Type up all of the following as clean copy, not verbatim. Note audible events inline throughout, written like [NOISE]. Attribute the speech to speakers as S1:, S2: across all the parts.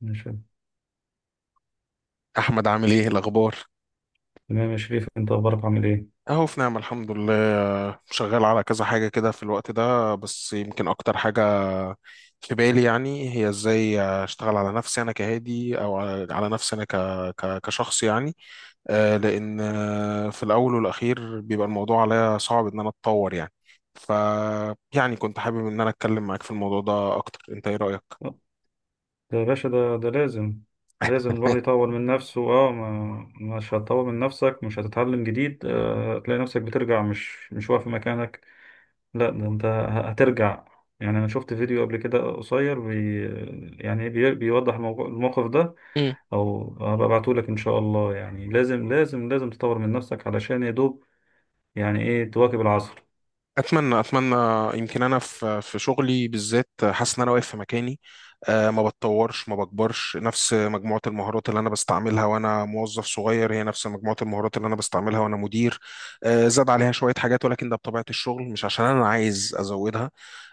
S1: ماشي.
S2: احمد، عامل ايه الاخبار؟
S1: تمام يا شريف، انت اخبارك عامل ايه؟
S2: اهو في نعمه، الحمد لله شغال على كذا حاجه كده في الوقت ده، بس يمكن اكتر حاجه في بالي يعني هي ازاي اشتغل على نفسي انا كهادي، او على نفسي انا كشخص يعني. لان في الاول والاخير بيبقى الموضوع عليا صعب ان انا اتطور يعني. ف يعني كنت حابب ان انا اتكلم معاك في الموضوع ده اكتر، انت ايه رايك؟
S1: ده يا باشا، ده لازم. لازم الواحد يطور من نفسه. اه، ما مش هتطور من نفسك، مش هتتعلم جديد، آه تلاقي نفسك بترجع، مش واقف في مكانك. لا ده انت هترجع. يعني انا شفت فيديو قبل كده قصير بي، يعني بيوضح الموقف ده،
S2: [LAUGHS]
S1: او هبقى ابعته لك ان شاء الله. يعني لازم لازم لازم تطور من نفسك، علشان يا دوب يعني ايه تواكب العصر.
S2: اتمنى اتمنى. يمكن انا في شغلي بالذات حاسس ان انا واقف في مكاني. ما بتطورش ما بكبرش، نفس مجموعه المهارات اللي انا بستعملها وانا موظف صغير هي نفس مجموعه المهارات اللي انا بستعملها وانا مدير. زاد عليها شويه حاجات، ولكن ده بطبيعه الشغل مش عشان انا عايز ازودها.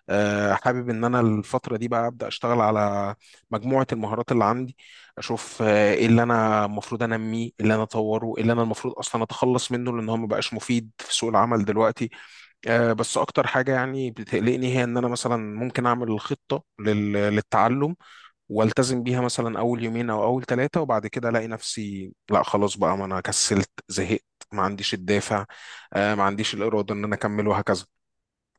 S2: حابب ان انا الفتره دي بقى ابدا اشتغل على مجموعه المهارات اللي عندي، اشوف ايه اللي انا المفروض انميه، إيه اللي انا اطوره، إيه اللي انا المفروض اصلا اتخلص منه لان هو ما بقاش مفيد في سوق العمل دلوقتي. بس اكتر حاجه يعني بتقلقني هي ان انا مثلا ممكن اعمل الخطه للتعلم والتزم بيها مثلا اول يومين او اول ثلاثه، وبعد كده الاقي نفسي لا خلاص بقى، ما انا كسلت زهقت، ما عنديش الدافع. ما عنديش الاراده ان انا اكمل، وهكذا.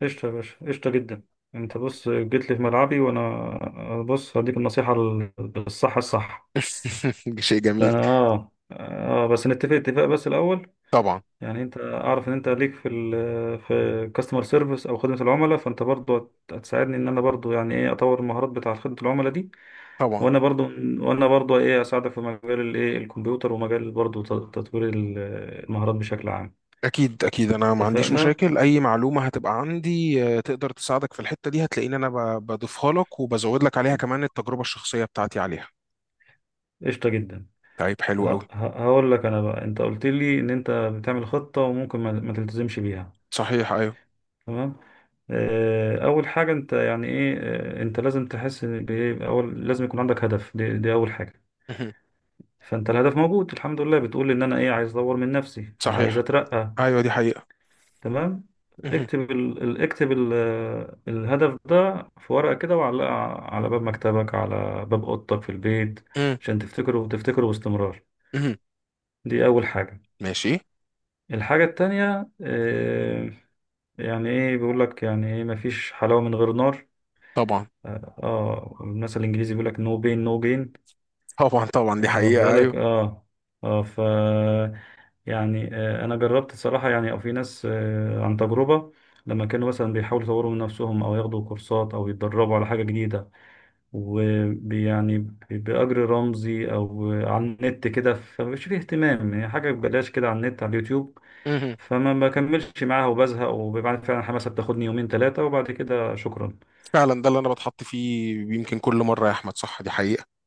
S1: قشطة يا باشا، قشطة جدا. انت بص، جيت لي في ملعبي، وانا بص هديك النصيحة الصح.
S2: [LAUGHS] شيء جميل.
S1: فانا بس نتفق اتفاق بس الاول.
S2: طبعا.
S1: يعني انت اعرف ان انت ليك في في كاستمر سيرفيس او خدمة العملاء، فانت برضو هتساعدني ان انا برضو يعني ايه اطور المهارات بتاع خدمة العملاء دي.
S2: طبعا
S1: وانا برضو وانا برضو ايه اساعدك في مجال الايه الكمبيوتر، ومجال برضو تطوير المهارات بشكل عام.
S2: اكيد اكيد، انا ما عنديش
S1: اتفقنا.
S2: مشاكل، اي معلومه هتبقى عندي تقدر تساعدك في الحته دي، هتلاقيني انا بضيفها لك وبزود لك عليها كمان التجربه الشخصيه بتاعتي عليها.
S1: قشطة جدا.
S2: طيب حلو قوي.
S1: هقول لك انا بقى، انت قلت لي ان انت بتعمل خطة وممكن ما تلتزمش بيها.
S2: صحيح، ايوه.
S1: تمام. اول حاجة انت يعني ايه، انت لازم تحس إن بإيه؟ اول لازم يكون عندك هدف، دي اول حاجة.
S2: [LAUGHS]
S1: فانت الهدف موجود الحمد لله، بتقول ان انا ايه، عايز اطور من نفسي، عايز
S2: صحيح،
S1: اترقى.
S2: ايوه دي حقيقة.
S1: تمام.
S2: مهم.
S1: اكتب الهدف ده في ورقة كده وعلقه على باب مكتبك، على باب اوضتك في البيت،
S2: مهم.
S1: عشان تفتكره وتفتكره باستمرار.
S2: مهم.
S1: دي اول حاجة.
S2: ماشي.
S1: الحاجة التانية، يعني ايه، بيقول لك يعني ايه مفيش حلاوة من غير نار.
S2: طبعا.
S1: اه، المثل الانجليزي بيقول لك نو بين نو جين.
S2: طبعا طبعا، دي
S1: واخد
S2: حقيقة
S1: بالك؟
S2: ايوه.
S1: اه اه ف يعني انا جربت الصراحة، يعني او في ناس عن تجربة، لما كانوا مثلا بيحاولوا يطوروا من نفسهم او ياخدوا كورسات او يتدربوا على حاجة جديدة ويعني بأجر رمزي او على النت كده، فمش فيه اهتمام، يعني حاجة ببلاش كده على النت على اليوتيوب،
S2: مهم.
S1: فما بكملش معاها وبزهق، وبعد فعلا الحماسه بتاخدني يومين ثلاثه وبعد كده شكرا.
S2: فعلا ده اللي انا بتحط فيه يمكن كل مرة يا احمد، صح دي حقيقة.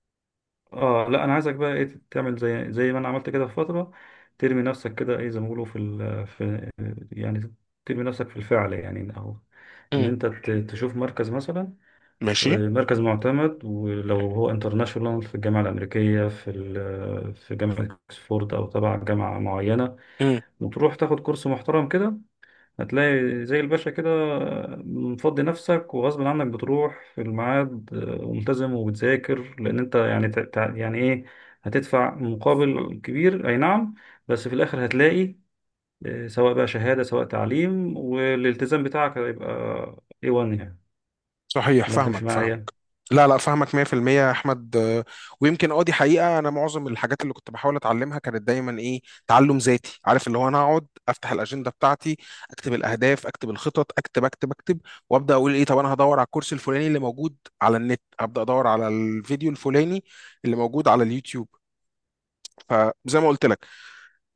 S1: اه لا، انا عايزك بقى ايه، تعمل زي ما انا عملت كده في فتره. ترمي نفسك كده ايه، زي ما بيقولوا في ال في يعني، ترمي نفسك في الفعل يعني، او ان
S2: مهم.
S1: انت تشوف مركز مثلا،
S2: ماشي.
S1: مركز معتمد، ولو هو انترناشونال، في الجامعه الامريكيه، في جامعه اكسفورد، او تبع جامعه معينه،
S2: مهم.
S1: وتروح تاخد كورس محترم كده. هتلاقي زي الباشا كده مفضي نفسك، وغصب عنك بتروح في الميعاد، وملتزم وبتذاكر، لأن أنت يعني يعني إيه، هتدفع مقابل كبير أي نعم. بس في الآخر هتلاقي، سواء بقى شهادة، سواء تعليم، والالتزام بتاعك هيبقى A1 يعني.
S2: صحيح،
S1: ولا أنت
S2: فاهمك
S1: مش معايا؟
S2: فاهمك. لا لا، فاهمك 100% يا احمد. ويمكن اه دي حقيقه، انا معظم الحاجات اللي كنت بحاول اتعلمها كانت دايما ايه؟ تعلم ذاتي، عارف اللي هو انا اقعد افتح الاجنده بتاعتي، اكتب الاهداف اكتب الخطط اكتب اكتب اكتب، وابدا اقول ايه، طب انا هدور على الكورس الفلاني اللي موجود على النت، ابدا ادور على الفيديو الفلاني اللي موجود على اليوتيوب. فزي ما قلت لك،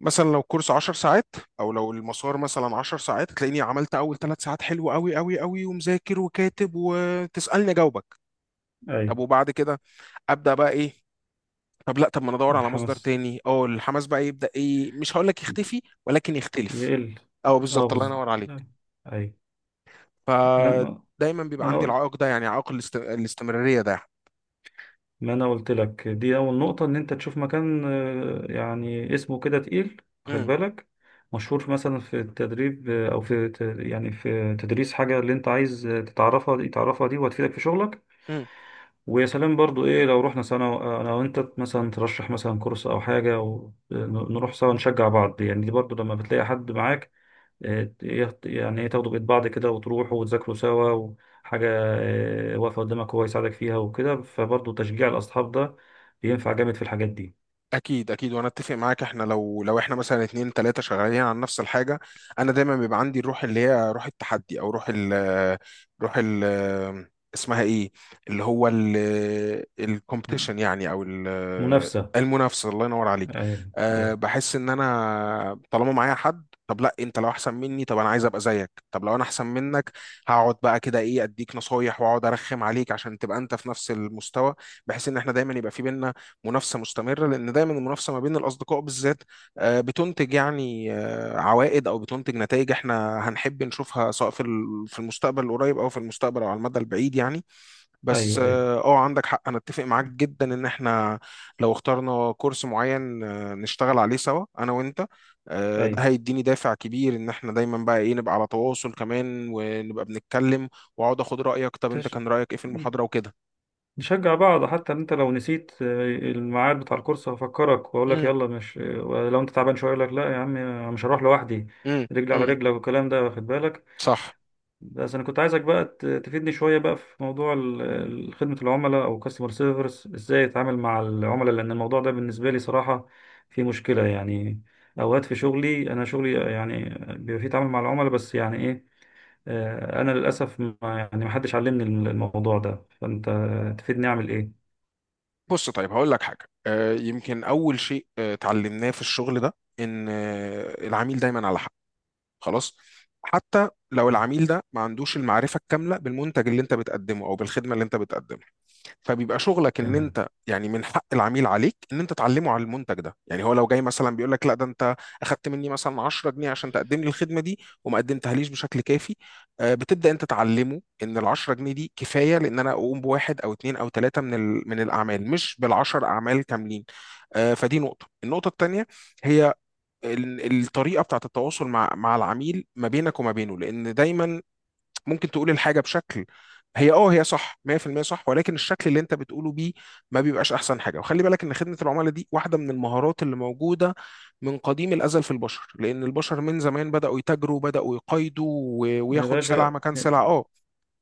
S2: مثلا لو كورس 10 ساعات او لو المسار مثلا 10 ساعات، تلاقيني عملت اول ثلاث ساعات حلو قوي قوي قوي، ومذاكر وكاتب وتسالني اجاوبك. طب
S1: أيوة.
S2: وبعد كده ابدا بقى ايه؟ طب لا، طب ما انا ادور على مصدر
S1: الحماس
S2: تاني. اه الحماس بقى يبدا ايه، مش هقول لك يختفي ولكن يختلف.
S1: يقل.
S2: اه
S1: أه
S2: بالظبط، الله
S1: بالظبط.
S2: ينور عليك.
S1: أيوة. ما- ما-
S2: فدايما بيبقى عندي
S1: أنا
S2: العائق ده، يعني عائق الاستمراريه ده.
S1: ما انا قلت لك، دي اول نقطة، ان انت تشوف مكان، يعني اسمه كده تقيل، خد
S2: مم.
S1: بالك، مشهور، مثلا في التدريب، يعني في تدريس حاجة اللي انت عايز، تتعرفها دي، تعرفها دي، وهتفيدك في شغلك.
S2: مم.
S1: ويا سلام برضو ايه، لو رحنا سنة انا وانت مثلا، ترشح مثلا كورس او حاجة، ونروح سوا، نشجع بعض. يعني دي برضو لما بتلاقي حد معاك، يعني ايه تاخدوا بإيد بعض كده، وتروحوا وتذاكروا سوا، وحاجة واقفة قدامك هو يساعدك فيها وكده، فبرضه تشجيع الأصحاب ده بينفع جامد في الحاجات دي.
S2: اكيد اكيد، وانا اتفق معاك. احنا لو احنا مثلا اتنين تلاتة شغالين على نفس الحاجه، انا دايما بيبقى عندي الروح اللي هي روح التحدي، او روح ال، روح ال، اسمها ايه، اللي هو الكومبيتيشن يعني، او
S1: منافسة.
S2: المنافسه. الله ينور عليك.
S1: أيوه.
S2: أه
S1: أيوه.
S2: بحس ان انا طالما معايا حد، طب لا انت لو احسن مني طب انا عايز ابقى زيك، طب لو انا احسن منك هقعد بقى كده ايه اديك نصايح واقعد ارخم عليك عشان تبقى انت في نفس المستوى، بحيث ان احنا دايما يبقى في بينا منافسه مستمره، لان دايما المنافسه ما بين الاصدقاء بالذات بتنتج يعني عوائد، او بتنتج نتائج احنا هنحب نشوفها، سواء في المستقبل القريب او في المستقبل او على المدى البعيد يعني. بس
S1: أيوه. أيوه.
S2: اه عندك حق، انا اتفق معاك جدا ان احنا لو اخترنا كورس معين نشتغل عليه سوا انا وانت، ده
S1: أيوه.
S2: هيديني دافع كبير، ان احنا دايما بقى ايه نبقى على تواصل كمان ونبقى بنتكلم، واقعد اخد رايك طب انت
S1: تش...
S2: كان رايك ايه في المحاضره وكده.
S1: نشجع بعض، حتى إن أنت لو نسيت الميعاد بتاع الكورس هفكرك وأقول لك
S2: امم.
S1: يلا، مش لو أنت تعبان شوية أقول لك لا يا عم أنا مش هروح لوحدي،
S2: امم.
S1: رجل على
S2: امم.
S1: رجلك، والكلام ده. واخد بالك.
S2: صح.
S1: بس انا كنت عايزك بقى تفيدني شويه بقى في موضوع خدمه العملاء او كاستمر سيرفيس، ازاي اتعامل مع العملاء، لان الموضوع ده بالنسبه لي صراحه في مشكله يعني. اوقات في شغلي، شغلي يعني بيبقى فيه تعامل مع العملاء، بس يعني ايه، انا للاسف ما يعني ما حدش علمني الموضوع ده، فانت تفيدني اعمل ايه.
S2: بص طيب هقول لك حاجة، يمكن أول شيء اتعلمناه في الشغل ده إن العميل دايما على حق، خلاص. حتى لو العميل ده ما عندوش المعرفة الكاملة بالمنتج اللي أنت بتقدمه أو بالخدمة اللي أنت بتقدمها، فبيبقى شغلك ان
S1: تمام.
S2: انت يعني من حق العميل عليك ان انت تعلمه على المنتج ده. يعني هو لو جاي مثلا بيقول لك لا ده انت اخدت مني مثلا 10 جنيه عشان تقدم لي الخدمه دي وما قدمتهاليش بشكل كافي، بتبدا انت تعلمه ان ال 10 جنيه دي كفايه لان انا اقوم بواحد او اثنين او ثلاثه من الاعمال، مش بالعشر اعمال كاملين. فدي نقطه. النقطه الثانيه هي الطريقه بتاعت التواصل مع العميل ما بينك وما بينه، لان دايما ممكن تقول الحاجة بشكل هي اه هي صح 100% صح، ولكن الشكل اللي انت بتقوله بيه ما بيبقاش احسن حاجه. وخلي بالك ان خدمه العملاء دي واحده من المهارات اللي موجوده من قديم الازل في البشر، لان البشر من زمان بداوا يتاجروا بداوا يقايضوا
S1: يا
S2: وياخد سلعه
S1: باشا،
S2: مكان سلعه. اه.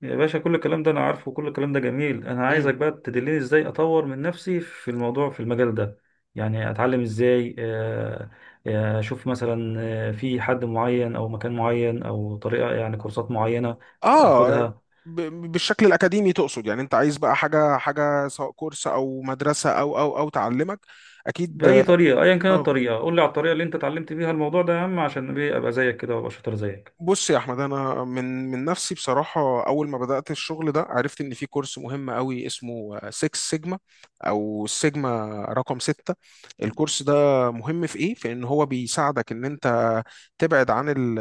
S1: يا باشا، كل الكلام ده انا عارفه، وكل الكلام ده جميل، انا
S2: مم.
S1: عايزك بقى تدلني ازاي اطور من نفسي في الموضوع في المجال ده. يعني اتعلم ازاي، اشوف مثلا، في حد معين، او مكان معين، او طريقة، يعني كورسات معينة
S2: اه
S1: اخدها،
S2: ب- بالشكل الاكاديمي تقصد؟ يعني انت عايز بقى حاجه حاجه سواء كورس او مدرسه او تعلمك؟ اكيد.
S1: بأي طريقة، ايا كانت
S2: اه.
S1: الطريقة، قول لي على الطريقة اللي انت اتعلمت بيها الموضوع ده يا عم، عشان ايه ابقى زيك كده وابقى شاطر زيك.
S2: بص يا احمد، انا من نفسي بصراحه، اول ما بدات الشغل ده عرفت ان في كورس مهم قوي اسمه 6 سيجما، او السيجما رقم 6. الكورس ده مهم في ايه؟ في ان هو بيساعدك ان انت تبعد عن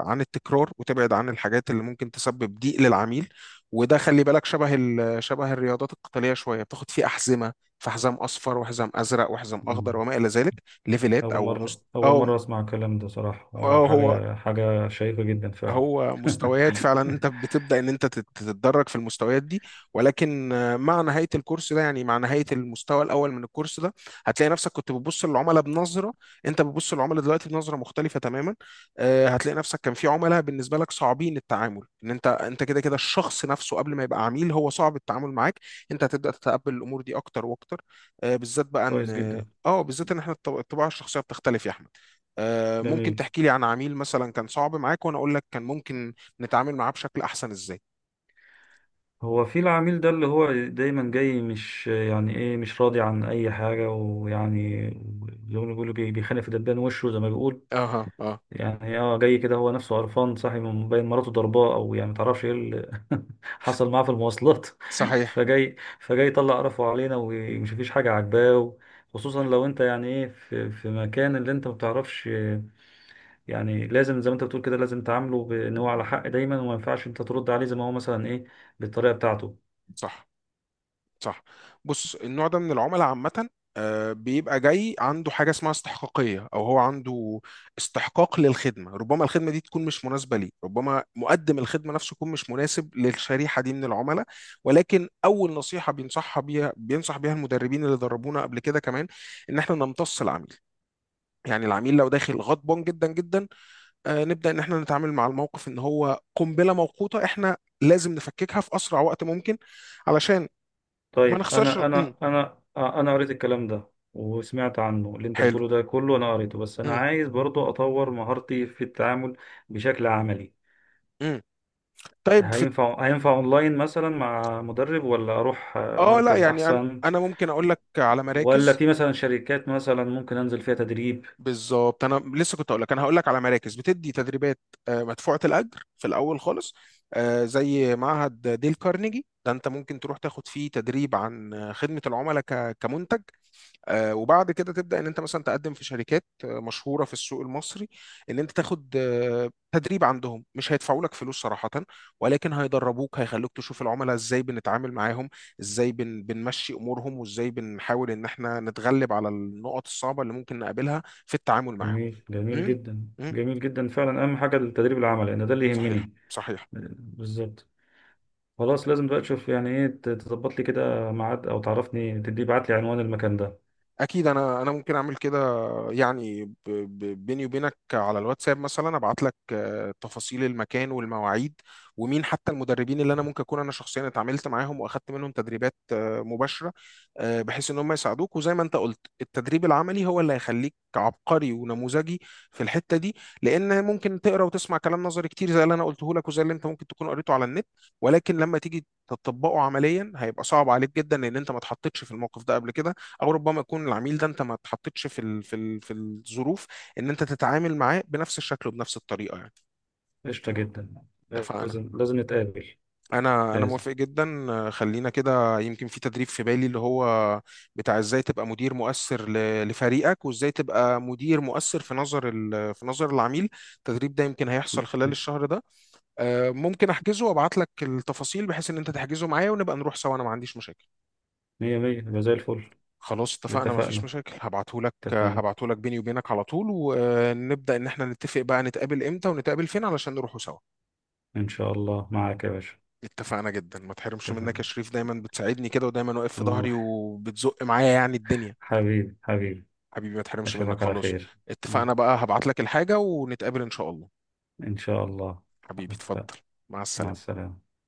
S2: عن التكرار، وتبعد عن الحاجات اللي ممكن تسبب ضيق للعميل. وده خلي بالك شبه شبه الرياضات القتاليه شويه، بتاخد فيه احزمه، في حزام اصفر وحزام ازرق وحزام اخضر
S1: مم.
S2: وما الى ذلك، ليفلات
S1: اول
S2: او
S1: مرة اول
S2: أو
S1: مرة اسمع الكلام ده صراحة،
S2: اه هو
S1: وحاجة، شيقة جدا فعلا.
S2: هو مستويات. فعلا
S1: [LAUGHS]
S2: انت بتبدأ ان انت تتدرج في المستويات دي. ولكن مع نهاية الكورس ده، يعني مع نهاية المستوى الاول من الكورس ده، هتلاقي نفسك كنت بتبص للعملاء بنظرة، انت بتبص للعملاء دلوقتي بنظرة مختلفة تماما. هتلاقي نفسك كان في عملاء بالنسبة لك صعبين التعامل، ان انت كده كده الشخص نفسه قبل ما يبقى عميل هو صعب التعامل معاك، انت هتبدأ تتقبل الامور دي اكتر واكتر. بالذات بقى
S1: كويس
S2: ان
S1: جدا.
S2: اه بالذات ان احنا الطباع الشخصية بتختلف يا احمد. ممكن
S1: جميل.
S2: تحكي لي عن عميل مثلا كان صعب معاك وانا اقول لك كان ممكن نتعامل معاه بشكل احسن ازاي.
S1: هو في العميل ده، اللي هو دايما جاي مش يعني ايه، مش راضي عن اي حاجه، ويعني زي ما بيقولوا بيخانق في دبان وشه، زي ما بيقول
S2: اها اه
S1: يعني، اه جاي كده هو نفسه قرفان، صاحي من بين مراته ضرباه، او يعني متعرفش ايه اللي [LAUGHS] حصل معاه في المواصلات، [LAUGHS]
S2: صحيح.
S1: فجاي يطلع قرفه علينا، ومش فيش حاجه عاجباه. خصوصا لو انت يعني ايه في في مكان اللي انت ما بتعرفش يعني، لازم زي ما انت بتقول كده، لازم تعامله بان هو على حق دايما، وما ينفعش انت ترد عليه زي ما هو مثلا ايه، بالطريقه بتاعته.
S2: صح صح. بص، النوع ده من العملاء عامة بيبقى جاي عنده حاجة اسمها استحقاقية، أو هو عنده استحقاق للخدمة، ربما الخدمة دي تكون مش مناسبة ليه، ربما مقدم الخدمة نفسه يكون مش مناسب للشريحة دي من العملاء. ولكن أول نصيحة بينصح بيها المدربين اللي دربونا قبل كده كمان، إن إحنا نمتص العميل. يعني العميل لو داخل غضبان جدا جدا، نبدأ إن إحنا نتعامل مع الموقف إن هو قنبلة موقوتة، إحنا لازم نفككها في أسرع وقت ممكن علشان ما
S1: طيب
S2: نخسرش. امم.
S1: انا قريت الكلام ده وسمعت عنه، اللي انت
S2: حلو.
S1: بتقوله ده كله انا قريته، بس انا
S2: امم.
S1: عايز برضو اطور مهارتي في التعامل بشكل عملي.
S2: امم. طيب في
S1: هينفع اونلاين مثلا مع مدرب، ولا اروح
S2: لا،
S1: مركز
S2: يعني أنا
S1: احسن،
S2: أنا ممكن أقول لك على
S1: ولا
S2: مراكز.
S1: في مثلا شركات مثلا ممكن انزل فيها تدريب.
S2: بالظبط أنا لسه كنت أقول لك، أنا هقول لك على مراكز بتدي تدريبات مدفوعة الأجر في الأول خالص. زي معهد ديل كارنيجي، ده أنت ممكن تروح تاخد فيه تدريب عن خدمة العملاء كمنتج. وبعد كده تبدا ان انت مثلا تقدم في شركات مشهوره في السوق المصري ان انت تاخد تدريب عندهم، مش هيدفعوا لك فلوس صراحه، ولكن هيدربوك هيخلوك تشوف العملاء ازاي بنتعامل معاهم، ازاي بنمشي امورهم، وازاي بنحاول ان احنا نتغلب على النقط الصعبه اللي ممكن نقابلها في التعامل معاهم.
S1: جميل، جميل
S2: امم.
S1: جدا
S2: امم.
S1: جميل جدا فعلا، اهم حاجة التدريب العملي لان ده اللي
S2: صحيح
S1: يهمني.
S2: صحيح.
S1: بالظبط. خلاص، لازم بقى تشوف يعني ايه تظبط لي كده ميعاد، او تعرفني، تدي بعت لي عنوان المكان ده.
S2: اكيد، انا ممكن اعمل كده، يعني بيني وبينك على الواتساب مثلا ابعت لك تفاصيل المكان والمواعيد، ومين حتى المدربين اللي انا ممكن اكون انا شخصيا اتعاملت معاهم واخدت منهم تدريبات مباشره. بحيث ان هم يساعدوك، وزي ما انت قلت التدريب العملي هو اللي هيخليك عبقري ونموذجي في الحته دي، لان ممكن تقرا وتسمع كلام نظري كتير زي اللي انا قلته لك وزي اللي انت ممكن تكون قريته على النت، ولكن لما تيجي تطبقه عمليا هيبقى صعب عليك جدا لان انت ما اتحطيتش في الموقف ده قبل كده، او ربما يكون العميل ده انت ما اتحطيتش في الظروف ان انت تتعامل معاه بنفس الشكل وبنفس الطريقه يعني.
S1: قشطة جدا.
S2: اتفقنا.
S1: لازم، لازم نتقابل.
S2: انا
S1: لازم.
S2: موافق جدا خلينا كده، يمكن في تدريب في بالي اللي هو بتاع ازاي تبقى مدير مؤثر لفريقك، وازاي تبقى مدير مؤثر في نظر في نظر العميل. التدريب ده يمكن هيحصل خلال الشهر ده، ممكن احجزه وابعت لك التفاصيل، بحيث ان انت تحجزه معايا ونبقى نروح سوا، انا ما عنديش مشاكل.
S1: مية مية، يبقى زي الفل.
S2: خلاص، اتفقنا، مفيش
S1: اتفقنا.
S2: مشاكل. هبعتهولك
S1: اتفقنا.
S2: هبعتهولك بيني وبينك على طول، ونبدأ ان احنا نتفق بقى نتقابل امتى ونتقابل فين علشان نروحوا سوا.
S1: إن شاء الله معاك يا باشا.
S2: اتفقنا جدا، ما تحرمش منك يا
S1: اتفقنا.
S2: شريف، دايما بتساعدني كده ودايما واقف في ظهري
S1: روح.
S2: وبتزق معايا يعني الدنيا.
S1: حبيبي حبيبي.
S2: حبيبي، ما تحرمش منك.
S1: أشوفك على
S2: خلاص،
S1: خير.
S2: اتفقنا بقى، هبعتلك الحاجة ونتقابل ان شاء الله.
S1: إن شاء الله.
S2: حبيبي،
S1: اتفقنا.
S2: اتفضل. مع
S1: مع
S2: السلامة.
S1: السلامة.